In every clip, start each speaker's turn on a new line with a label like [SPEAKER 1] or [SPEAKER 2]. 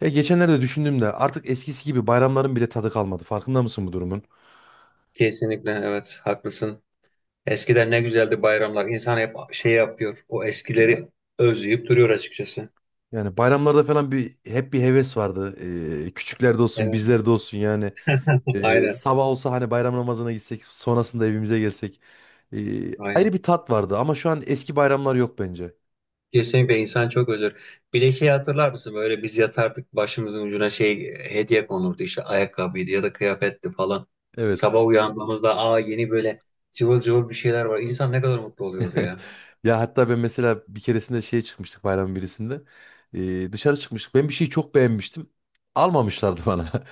[SPEAKER 1] Ya geçenlerde düşündüğümde artık eskisi gibi bayramların bile tadı kalmadı. Farkında mısın bu durumun?
[SPEAKER 2] Kesinlikle evet haklısın. Eskiden ne güzeldi bayramlar. İnsan hep şey yapıyor. O eskileri özleyip duruyor açıkçası.
[SPEAKER 1] Yani bayramlarda falan hep bir heves vardı. Küçüklerde olsun,
[SPEAKER 2] Evet.
[SPEAKER 1] bizlerde olsun yani.
[SPEAKER 2] Aynen.
[SPEAKER 1] Sabah olsa hani bayram namazına gitsek, sonrasında evimize gelsek. Ayrı
[SPEAKER 2] Aynen.
[SPEAKER 1] bir tat vardı ama şu an eski bayramlar yok bence.
[SPEAKER 2] Kesinlikle insan çok özür. Bir de şey hatırlar mısın? Böyle biz yatardık başımızın ucuna şey hediye konurdu işte ayakkabıydı ya da kıyafetti falan.
[SPEAKER 1] Evet.
[SPEAKER 2] Sabah uyandığımızda aa yeni böyle cıvıl cıvıl bir şeyler var. İnsan ne kadar mutlu oluyordu ya.
[SPEAKER 1] Ya hatta ben mesela bir keresinde şeye çıkmıştık bayramın birisinde. Dışarı çıkmıştık. Ben bir şeyi çok beğenmiştim. Almamışlardı bana.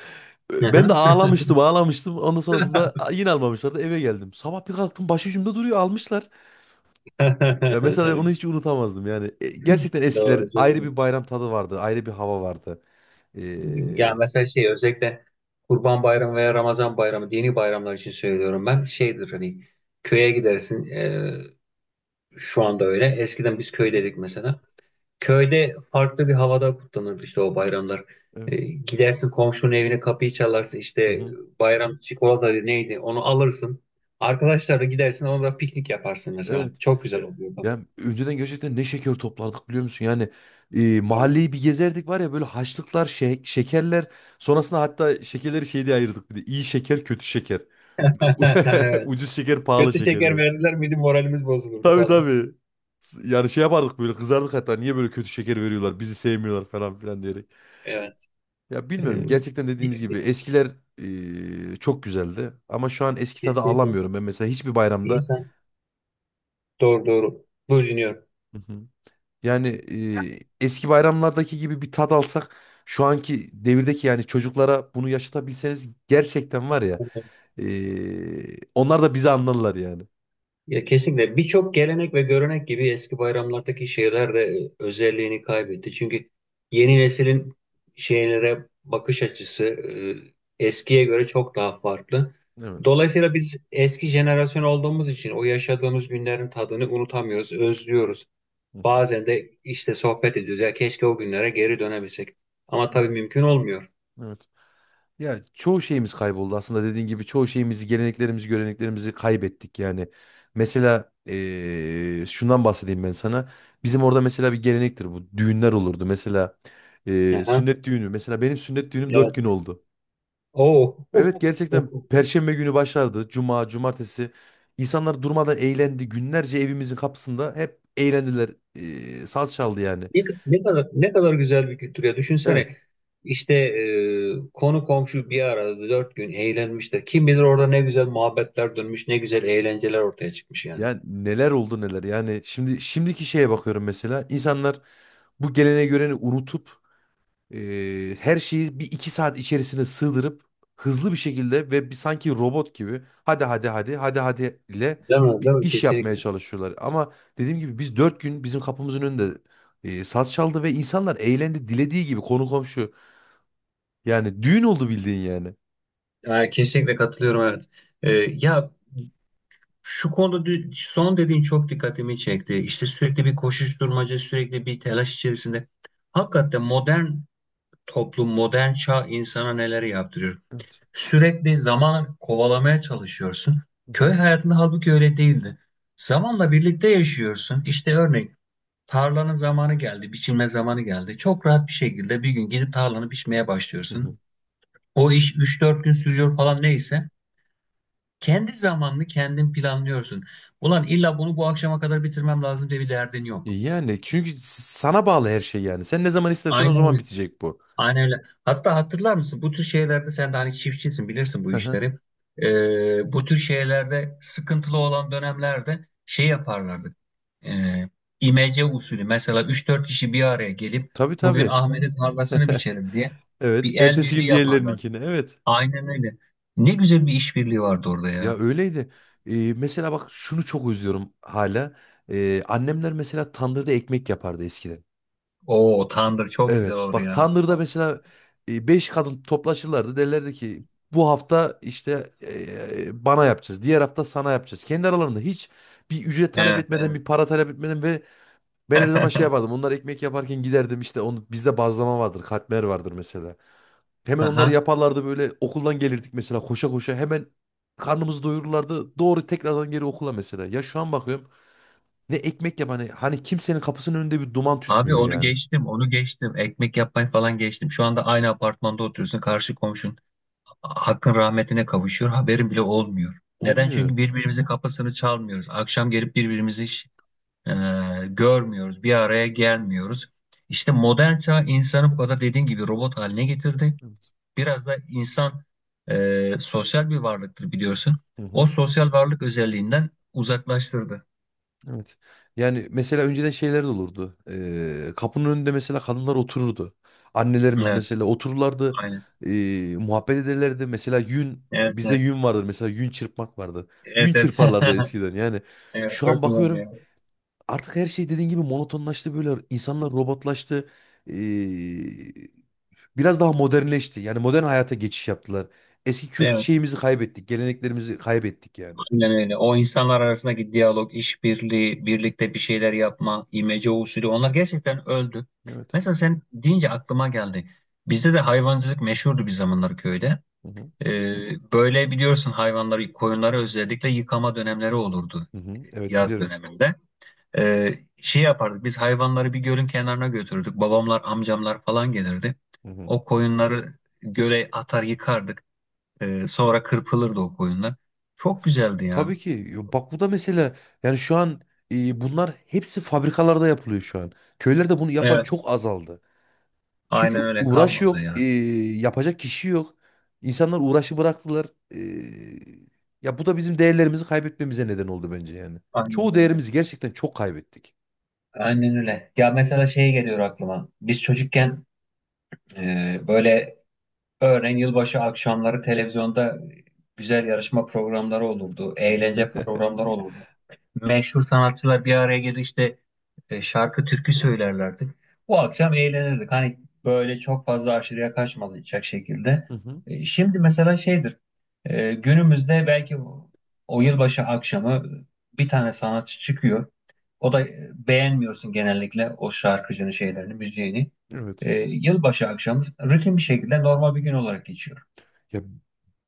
[SPEAKER 1] Ben de ağlamıştım ağlamıştım. Ondan sonrasında yine almamışlardı eve geldim. Sabah bir kalktım başucumda duruyor almışlar. Ya mesela onu hiç unutamazdım yani. Gerçekten eskiler
[SPEAKER 2] Doğru.
[SPEAKER 1] ayrı
[SPEAKER 2] Çok.
[SPEAKER 1] bir bayram tadı vardı. Ayrı bir hava vardı.
[SPEAKER 2] Ya
[SPEAKER 1] Ee,
[SPEAKER 2] mesela şey özellikle Kurban Bayramı veya Ramazan Bayramı dini bayramlar için söylüyorum ben. Şeydir hani köye gidersin şu anda öyle. Eskiden biz
[SPEAKER 1] Hı hı.
[SPEAKER 2] köydeydik mesela. Köyde farklı bir havada kutlanırdı işte o bayramlar.
[SPEAKER 1] Evet.
[SPEAKER 2] Gidersin komşunun evine kapıyı çalarsın
[SPEAKER 1] Hı
[SPEAKER 2] işte
[SPEAKER 1] hı.
[SPEAKER 2] bayram çikolata neydi onu alırsın. Arkadaşlarla gidersin orada piknik yaparsın mesela.
[SPEAKER 1] Evet.
[SPEAKER 2] Çok güzel oluyordu.
[SPEAKER 1] Yani önceden gerçekten ne şeker toplardık biliyor musun? Yani
[SPEAKER 2] Aynen.
[SPEAKER 1] mahalleyi bir gezerdik var ya böyle haçlıklar, şekerler. Sonrasında hatta şekerleri şey diye ayırdık bir de. İyi şeker, kötü şeker.
[SPEAKER 2] Evet.
[SPEAKER 1] Ucuz şeker, pahalı
[SPEAKER 2] Kötü
[SPEAKER 1] şeker.
[SPEAKER 2] şeker verirler miydi moralimiz bozulurdu
[SPEAKER 1] Tabii
[SPEAKER 2] falan.
[SPEAKER 1] tabii. Yani şey yapardık böyle kızardık hatta niye böyle kötü şeker veriyorlar bizi sevmiyorlar falan filan diyerek.
[SPEAKER 2] Evet.
[SPEAKER 1] Ya bilmiyorum gerçekten
[SPEAKER 2] E,
[SPEAKER 1] dediğimiz gibi eskiler çok güzeldi ama şu an eski tadı
[SPEAKER 2] Kesinlikle.
[SPEAKER 1] alamıyorum ben mesela hiçbir bayramda.
[SPEAKER 2] İnsan doğru doğru bölünüyor.
[SPEAKER 1] Hı hı. Yani eski bayramlardaki gibi bir tat alsak şu anki devirdeki yani çocuklara bunu yaşatabilseniz gerçekten var ya
[SPEAKER 2] Aynen.
[SPEAKER 1] onlar da bizi anlarlar yani.
[SPEAKER 2] Ya kesinlikle birçok gelenek ve görenek gibi eski bayramlardaki şeyler de özelliğini kaybetti. Çünkü yeni neslin şeylere bakış açısı eskiye göre çok daha farklı.
[SPEAKER 1] Evet.
[SPEAKER 2] Dolayısıyla biz eski jenerasyon olduğumuz için o yaşadığımız günlerin tadını unutamıyoruz, özlüyoruz.
[SPEAKER 1] Hı hı.
[SPEAKER 2] Bazen de işte sohbet ediyoruz. Ya keşke o günlere geri dönebilsek. Ama
[SPEAKER 1] Evet.
[SPEAKER 2] tabii mümkün olmuyor.
[SPEAKER 1] Evet. Ya çoğu şeyimiz kayboldu aslında dediğin gibi çoğu şeyimizi, geleneklerimizi, göreneklerimizi kaybettik yani. Mesela şundan bahsedeyim ben sana. Bizim orada mesela bir gelenektir bu. Düğünler olurdu. Mesela
[SPEAKER 2] Aha,
[SPEAKER 1] sünnet düğünü. Mesela benim sünnet düğünüm dört gün
[SPEAKER 2] evet.
[SPEAKER 1] oldu.
[SPEAKER 2] Oo.
[SPEAKER 1] Evet, gerçekten Perşembe günü başlardı. Cuma, cumartesi. İnsanlar durmadan eğlendi. Günlerce evimizin kapısında hep eğlendiler. Saz çaldı yani.
[SPEAKER 2] Ne kadar ne kadar güzel bir kültür ya.
[SPEAKER 1] Evet.
[SPEAKER 2] Düşünsene işte konu komşu bir arada 4 gün eğlenmişler. Kim bilir orada ne güzel muhabbetler dönmüş, ne güzel eğlenceler ortaya çıkmış yani.
[SPEAKER 1] Ya neler oldu neler. Yani şimdiki şeye bakıyorum mesela. İnsanlar bu gelene göreni unutup her şeyi bir iki saat içerisine sığdırıp hızlı bir şekilde ve bir sanki robot gibi hadi hadi hadi hadi hadi ile
[SPEAKER 2] Değil mi?
[SPEAKER 1] bir
[SPEAKER 2] Değil mi?
[SPEAKER 1] iş yapmaya
[SPEAKER 2] Kesinlikle.
[SPEAKER 1] çalışıyorlar. Ama dediğim gibi biz dört gün bizim kapımızın önünde saz çaldı ve insanlar eğlendi dilediği gibi konu komşu. Yani düğün oldu bildiğin yani.
[SPEAKER 2] Yani kesinlikle katılıyorum evet. E, ya şu konuda son dediğin çok dikkatimi çekti. İşte sürekli bir koşuşturmaca, sürekli bir telaş içerisinde. Hakikaten modern toplum, modern çağ insana neler yaptırıyor.
[SPEAKER 1] Evet.
[SPEAKER 2] Sürekli zaman kovalamaya çalışıyorsun.
[SPEAKER 1] Hı
[SPEAKER 2] Köy
[SPEAKER 1] hı.
[SPEAKER 2] hayatında halbuki öyle değildi. Zamanla birlikte yaşıyorsun. İşte örneğin tarlanın zamanı geldi, biçilme zamanı geldi. Çok rahat bir şekilde bir gün gidip tarlanı biçmeye
[SPEAKER 1] Hı
[SPEAKER 2] başlıyorsun.
[SPEAKER 1] hı.
[SPEAKER 2] O iş üç dört gün sürüyor falan neyse. Kendi zamanını kendin planlıyorsun. Ulan illa bunu bu akşama kadar bitirmem lazım diye bir derdin yok.
[SPEAKER 1] Yani çünkü sana bağlı her şey yani. Sen ne zaman istersen o
[SPEAKER 2] Aynen.
[SPEAKER 1] zaman bitecek bu.
[SPEAKER 2] Aynen öyle. Hatta hatırlar mısın bu tür şeylerde sen de hani çiftçisin bilirsin bu
[SPEAKER 1] Hı hı.
[SPEAKER 2] işleri. Bu tür şeylerde sıkıntılı olan dönemlerde şey yaparlardı. Ee, imece usulü mesela üç dört kişi bir araya gelip
[SPEAKER 1] Tabii
[SPEAKER 2] bugün
[SPEAKER 1] tabii.
[SPEAKER 2] Ahmet'in tarlasını biçelim diye
[SPEAKER 1] Evet.
[SPEAKER 2] bir el
[SPEAKER 1] Ertesi
[SPEAKER 2] birliği
[SPEAKER 1] gün
[SPEAKER 2] yaparlardı.
[SPEAKER 1] diğerlerininkine. Evet.
[SPEAKER 2] Aynen öyle. Ne güzel bir işbirliği vardı orada
[SPEAKER 1] Ya
[SPEAKER 2] ya.
[SPEAKER 1] öyleydi. Mesela bak şunu çok özlüyorum hala. Annemler mesela tandırda ekmek yapardı eskiden.
[SPEAKER 2] Oo, tandır çok güzel
[SPEAKER 1] Evet.
[SPEAKER 2] olur
[SPEAKER 1] Bak
[SPEAKER 2] ya.
[SPEAKER 1] tandırda mesela beş kadın toplaşırlardı. Derlerdi ki bu hafta işte bana yapacağız. Diğer hafta sana yapacağız. Kendi aralarında hiç bir ücret talep
[SPEAKER 2] Evet,
[SPEAKER 1] etmeden,
[SPEAKER 2] evet.
[SPEAKER 1] bir para talep etmeden ve ben her zaman şey yapardım. Onlar ekmek yaparken giderdim işte onu bizde bazlama vardır, katmer vardır mesela. Hemen onlar
[SPEAKER 2] Aha.
[SPEAKER 1] yaparlardı böyle okuldan gelirdik mesela koşa koşa hemen karnımızı doyururlardı. Doğru tekrardan geri okula mesela. Ya şu an bakıyorum ne ekmek yap hani, hani kimsenin kapısının önünde bir duman
[SPEAKER 2] Abi
[SPEAKER 1] tütmüyor
[SPEAKER 2] onu
[SPEAKER 1] yani.
[SPEAKER 2] geçtim, onu geçtim. Ekmek yapmayı falan geçtim. Şu anda aynı apartmanda oturuyorsun. Karşı komşun hakkın rahmetine kavuşuyor. Haberin bile olmuyor. Neden?
[SPEAKER 1] Olmuyor.
[SPEAKER 2] Çünkü birbirimizin kapısını çalmıyoruz. Akşam gelip birbirimizi hiç, e, görmüyoruz. Bir araya gelmiyoruz. İşte modern çağ insanı bu kadar dediğin gibi robot haline getirdi.
[SPEAKER 1] Evet.
[SPEAKER 2] Biraz da insan sosyal bir varlıktır biliyorsun.
[SPEAKER 1] Hı
[SPEAKER 2] O
[SPEAKER 1] hı.
[SPEAKER 2] sosyal varlık özelliğinden uzaklaştırdı.
[SPEAKER 1] Evet. Yani mesela önceden şeyler de olurdu. Kapının önünde mesela kadınlar otururdu. Annelerimiz
[SPEAKER 2] Evet,
[SPEAKER 1] mesela otururlardı.
[SPEAKER 2] aynen.
[SPEAKER 1] ee, Muhabbet ederlerdi. Mesela yün
[SPEAKER 2] Evet,
[SPEAKER 1] bizde
[SPEAKER 2] evet.
[SPEAKER 1] yün vardır. Mesela yün çırpmak vardı.
[SPEAKER 2] Evet,
[SPEAKER 1] Yün
[SPEAKER 2] evet.
[SPEAKER 1] çırparlardı eskiden. Yani
[SPEAKER 2] Evet,
[SPEAKER 1] şu an
[SPEAKER 2] çok güzel
[SPEAKER 1] bakıyorum
[SPEAKER 2] ya.
[SPEAKER 1] artık her şey dediğin gibi monotonlaştı böyle. İnsanlar robotlaştı. Ee, Biraz daha modernleşti. Yani modern hayata geçiş yaptılar. Eski kült
[SPEAKER 2] Evet,
[SPEAKER 1] şeyimizi kaybettik. Geleneklerimizi kaybettik yani.
[SPEAKER 2] aynen öyle. O insanlar arasındaki diyalog, işbirliği, birlikte bir şeyler yapma, imece usulü onlar gerçekten öldü.
[SPEAKER 1] Evet.
[SPEAKER 2] Mesela sen deyince aklıma geldi. Bizde de hayvancılık meşhurdu bir zamanlar köyde.
[SPEAKER 1] Hı hı.
[SPEAKER 2] Böyle biliyorsun hayvanları, koyunları özellikle yıkama dönemleri olurdu
[SPEAKER 1] Hı hı. Evet,
[SPEAKER 2] yaz
[SPEAKER 1] bilirim.
[SPEAKER 2] döneminde. Şey yapardık, biz hayvanları bir gölün kenarına götürürdük. Babamlar, amcamlar falan gelirdi.
[SPEAKER 1] Hı hı.
[SPEAKER 2] O koyunları göle atar yıkardık. Sonra kırpılırdı o koyunlar. Çok güzeldi
[SPEAKER 1] Tabii
[SPEAKER 2] ya.
[SPEAKER 1] ki. Yo, bak bu da mesela yani şu an bunlar hepsi fabrikalarda yapılıyor şu an. Köylerde bunu yapan
[SPEAKER 2] Evet.
[SPEAKER 1] çok azaldı. Çünkü
[SPEAKER 2] Aynen öyle
[SPEAKER 1] uğraş
[SPEAKER 2] kalmadı
[SPEAKER 1] yok,
[SPEAKER 2] ya.
[SPEAKER 1] yapacak kişi yok. İnsanlar uğraşı bıraktılar. E, Ya bu da bizim değerlerimizi kaybetmemize neden oldu bence yani.
[SPEAKER 2] Aynen
[SPEAKER 1] Çoğu
[SPEAKER 2] öyle.
[SPEAKER 1] değerimizi gerçekten çok kaybettik.
[SPEAKER 2] Aynen öyle. Ya mesela şey geliyor aklıma. Biz çocukken böyle örneğin yılbaşı akşamları televizyonda güzel yarışma programları olurdu. Eğlence programları olurdu. Meşhur sanatçılar bir araya gelir işte şarkı türkü söylerlerdi. Bu akşam eğlenirdik. Hani böyle çok fazla aşırıya kaçmayacak şekilde.
[SPEAKER 1] Hı hı.
[SPEAKER 2] Şimdi mesela şeydir. Günümüzde belki o yılbaşı akşamı bir tane sanatçı çıkıyor. O da beğenmiyorsun genellikle o şarkıcının şeylerini, müziğini.
[SPEAKER 1] Evet.
[SPEAKER 2] Yılbaşı akşamı rutin bir şekilde normal bir gün olarak geçiyor.
[SPEAKER 1] Ya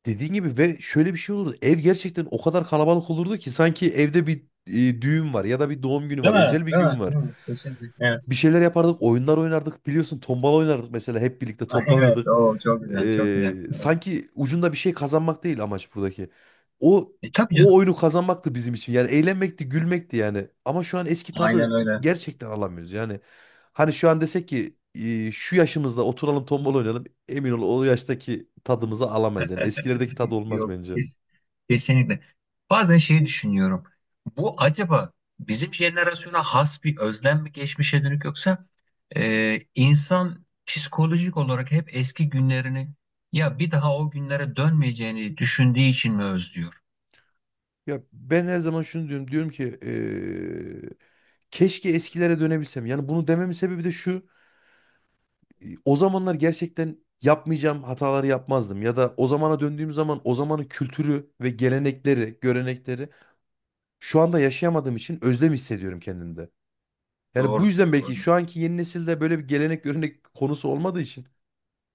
[SPEAKER 1] dediğin gibi ve şöyle bir şey olurdu. Ev gerçekten o kadar kalabalık olurdu ki sanki evde bir düğün var ya da bir doğum günü var,
[SPEAKER 2] Değil mi?
[SPEAKER 1] özel bir
[SPEAKER 2] Değil mi?
[SPEAKER 1] gün var.
[SPEAKER 2] Değil mi? Kesinlikle. Evet.
[SPEAKER 1] Bir şeyler yapardık, oyunlar oynardık. Biliyorsun tombala oynardık mesela hep birlikte
[SPEAKER 2] Evet.
[SPEAKER 1] toplanırdık.
[SPEAKER 2] O çok güzel. Çok güzel. Evet.
[SPEAKER 1] Sanki ucunda bir şey kazanmak değil amaç buradaki. O
[SPEAKER 2] Tabii.
[SPEAKER 1] o oyunu kazanmaktı bizim için. Yani eğlenmekti, gülmekti yani. Ama şu an eski
[SPEAKER 2] Aynen
[SPEAKER 1] tadı
[SPEAKER 2] öyle.
[SPEAKER 1] gerçekten alamıyoruz. Yani hani şu an desek ki şu yaşımızda oturalım tombala oynayalım. Emin ol o yaştaki tadımızı alamayız. Yani eskilerdeki tadı olmaz
[SPEAKER 2] Yok,
[SPEAKER 1] bence.
[SPEAKER 2] kesinlikle. Bazen şeyi düşünüyorum. Bu acaba bizim jenerasyona has bir özlem mi geçmişe dönük yoksa insan psikolojik olarak hep eski günlerini ya bir daha o günlere dönmeyeceğini düşündüğü için mi özlüyor?
[SPEAKER 1] Ya ben her zaman şunu diyorum. Diyorum ki keşke eskilere dönebilsem. Yani bunu dememin sebebi de şu. O zamanlar gerçekten yapmayacağım hataları yapmazdım. Ya da o zamana döndüğüm zaman o zamanın kültürü ve gelenekleri, görenekleri şu anda yaşayamadığım için özlem hissediyorum kendimde. Yani bu
[SPEAKER 2] Doğru,
[SPEAKER 1] yüzden
[SPEAKER 2] doğru.
[SPEAKER 1] belki şu anki yeni nesilde böyle bir gelenek görenek konusu olmadığı için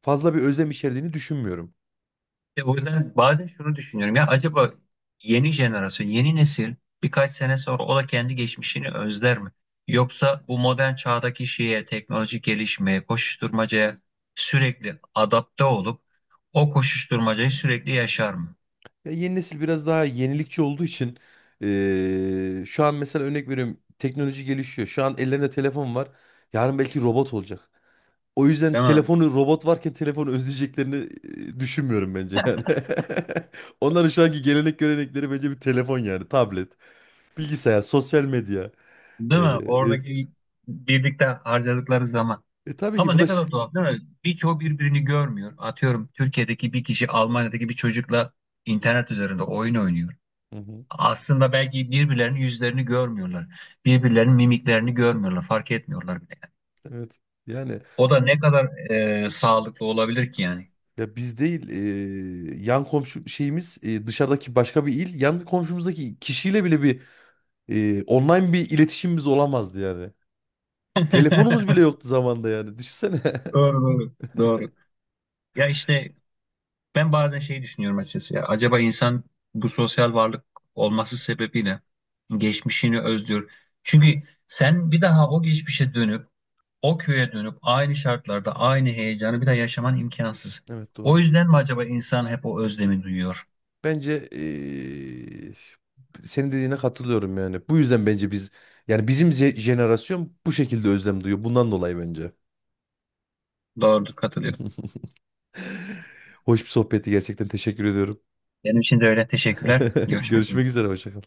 [SPEAKER 1] fazla bir özlem içerdiğini düşünmüyorum.
[SPEAKER 2] Ya o yüzden bazen şunu düşünüyorum ya acaba yeni jenerasyon, yeni nesil birkaç sene sonra o da kendi geçmişini özler mi? Yoksa bu modern çağdaki şeye, teknolojik gelişmeye, koşuşturmacaya sürekli adapte olup o koşuşturmacayı sürekli yaşar mı?
[SPEAKER 1] Ya yeni nesil biraz daha yenilikçi olduğu için şu an mesela örnek veriyorum teknoloji gelişiyor. Şu an ellerinde telefon var. Yarın belki robot olacak. O yüzden
[SPEAKER 2] Değil mi?
[SPEAKER 1] telefonu robot varken telefonu özleyeceklerini düşünmüyorum bence yani. Onların şu anki gelenek görenekleri bence bir telefon yani tablet, bilgisayar, sosyal medya.
[SPEAKER 2] Değil
[SPEAKER 1] E, e,
[SPEAKER 2] mi? Oradaki birlikte harcadıkları zaman.
[SPEAKER 1] tabii ki
[SPEAKER 2] Ama
[SPEAKER 1] bu
[SPEAKER 2] ne
[SPEAKER 1] da
[SPEAKER 2] kadar tuhaf değil mi? Birçoğu birbirini görmüyor. Atıyorum Türkiye'deki bir kişi Almanya'daki bir çocukla internet üzerinde oyun oynuyor.
[SPEAKER 1] hı hı,
[SPEAKER 2] Aslında belki birbirlerinin yüzlerini görmüyorlar. Birbirlerinin mimiklerini görmüyorlar. Fark etmiyorlar bile.
[SPEAKER 1] evet. Yani
[SPEAKER 2] O da ne kadar sağlıklı olabilir ki yani.
[SPEAKER 1] ya biz değil yan komşu şeyimiz dışarıdaki başka bir il yan komşumuzdaki kişiyle bile bir online bir iletişimimiz olamazdı yani. Telefonumuz bile yoktu zamanda yani düşünsene.
[SPEAKER 2] Doğru doğru. Doğru. Ya işte ben bazen şeyi düşünüyorum açıkçası ya. Acaba insan bu sosyal varlık olması sebebiyle geçmişini özlüyor. Çünkü sen bir daha o geçmişe dönüp o köye dönüp aynı şartlarda aynı heyecanı bir daha yaşaman imkansız.
[SPEAKER 1] Evet,
[SPEAKER 2] O
[SPEAKER 1] doğru.
[SPEAKER 2] yüzden mi acaba insan hep o özlemi duyuyor?
[SPEAKER 1] Bence senin dediğine katılıyorum yani. Bu yüzden bence biz yani bizim jenerasyon bu şekilde özlem duyuyor. Bundan dolayı bence.
[SPEAKER 2] Doğrudur, katılıyorum.
[SPEAKER 1] Hoş bir sohbetti gerçekten teşekkür ediyorum.
[SPEAKER 2] Benim için de öyle. Teşekkürler. Görüşmek üzere.
[SPEAKER 1] Görüşmek üzere hoşça kal.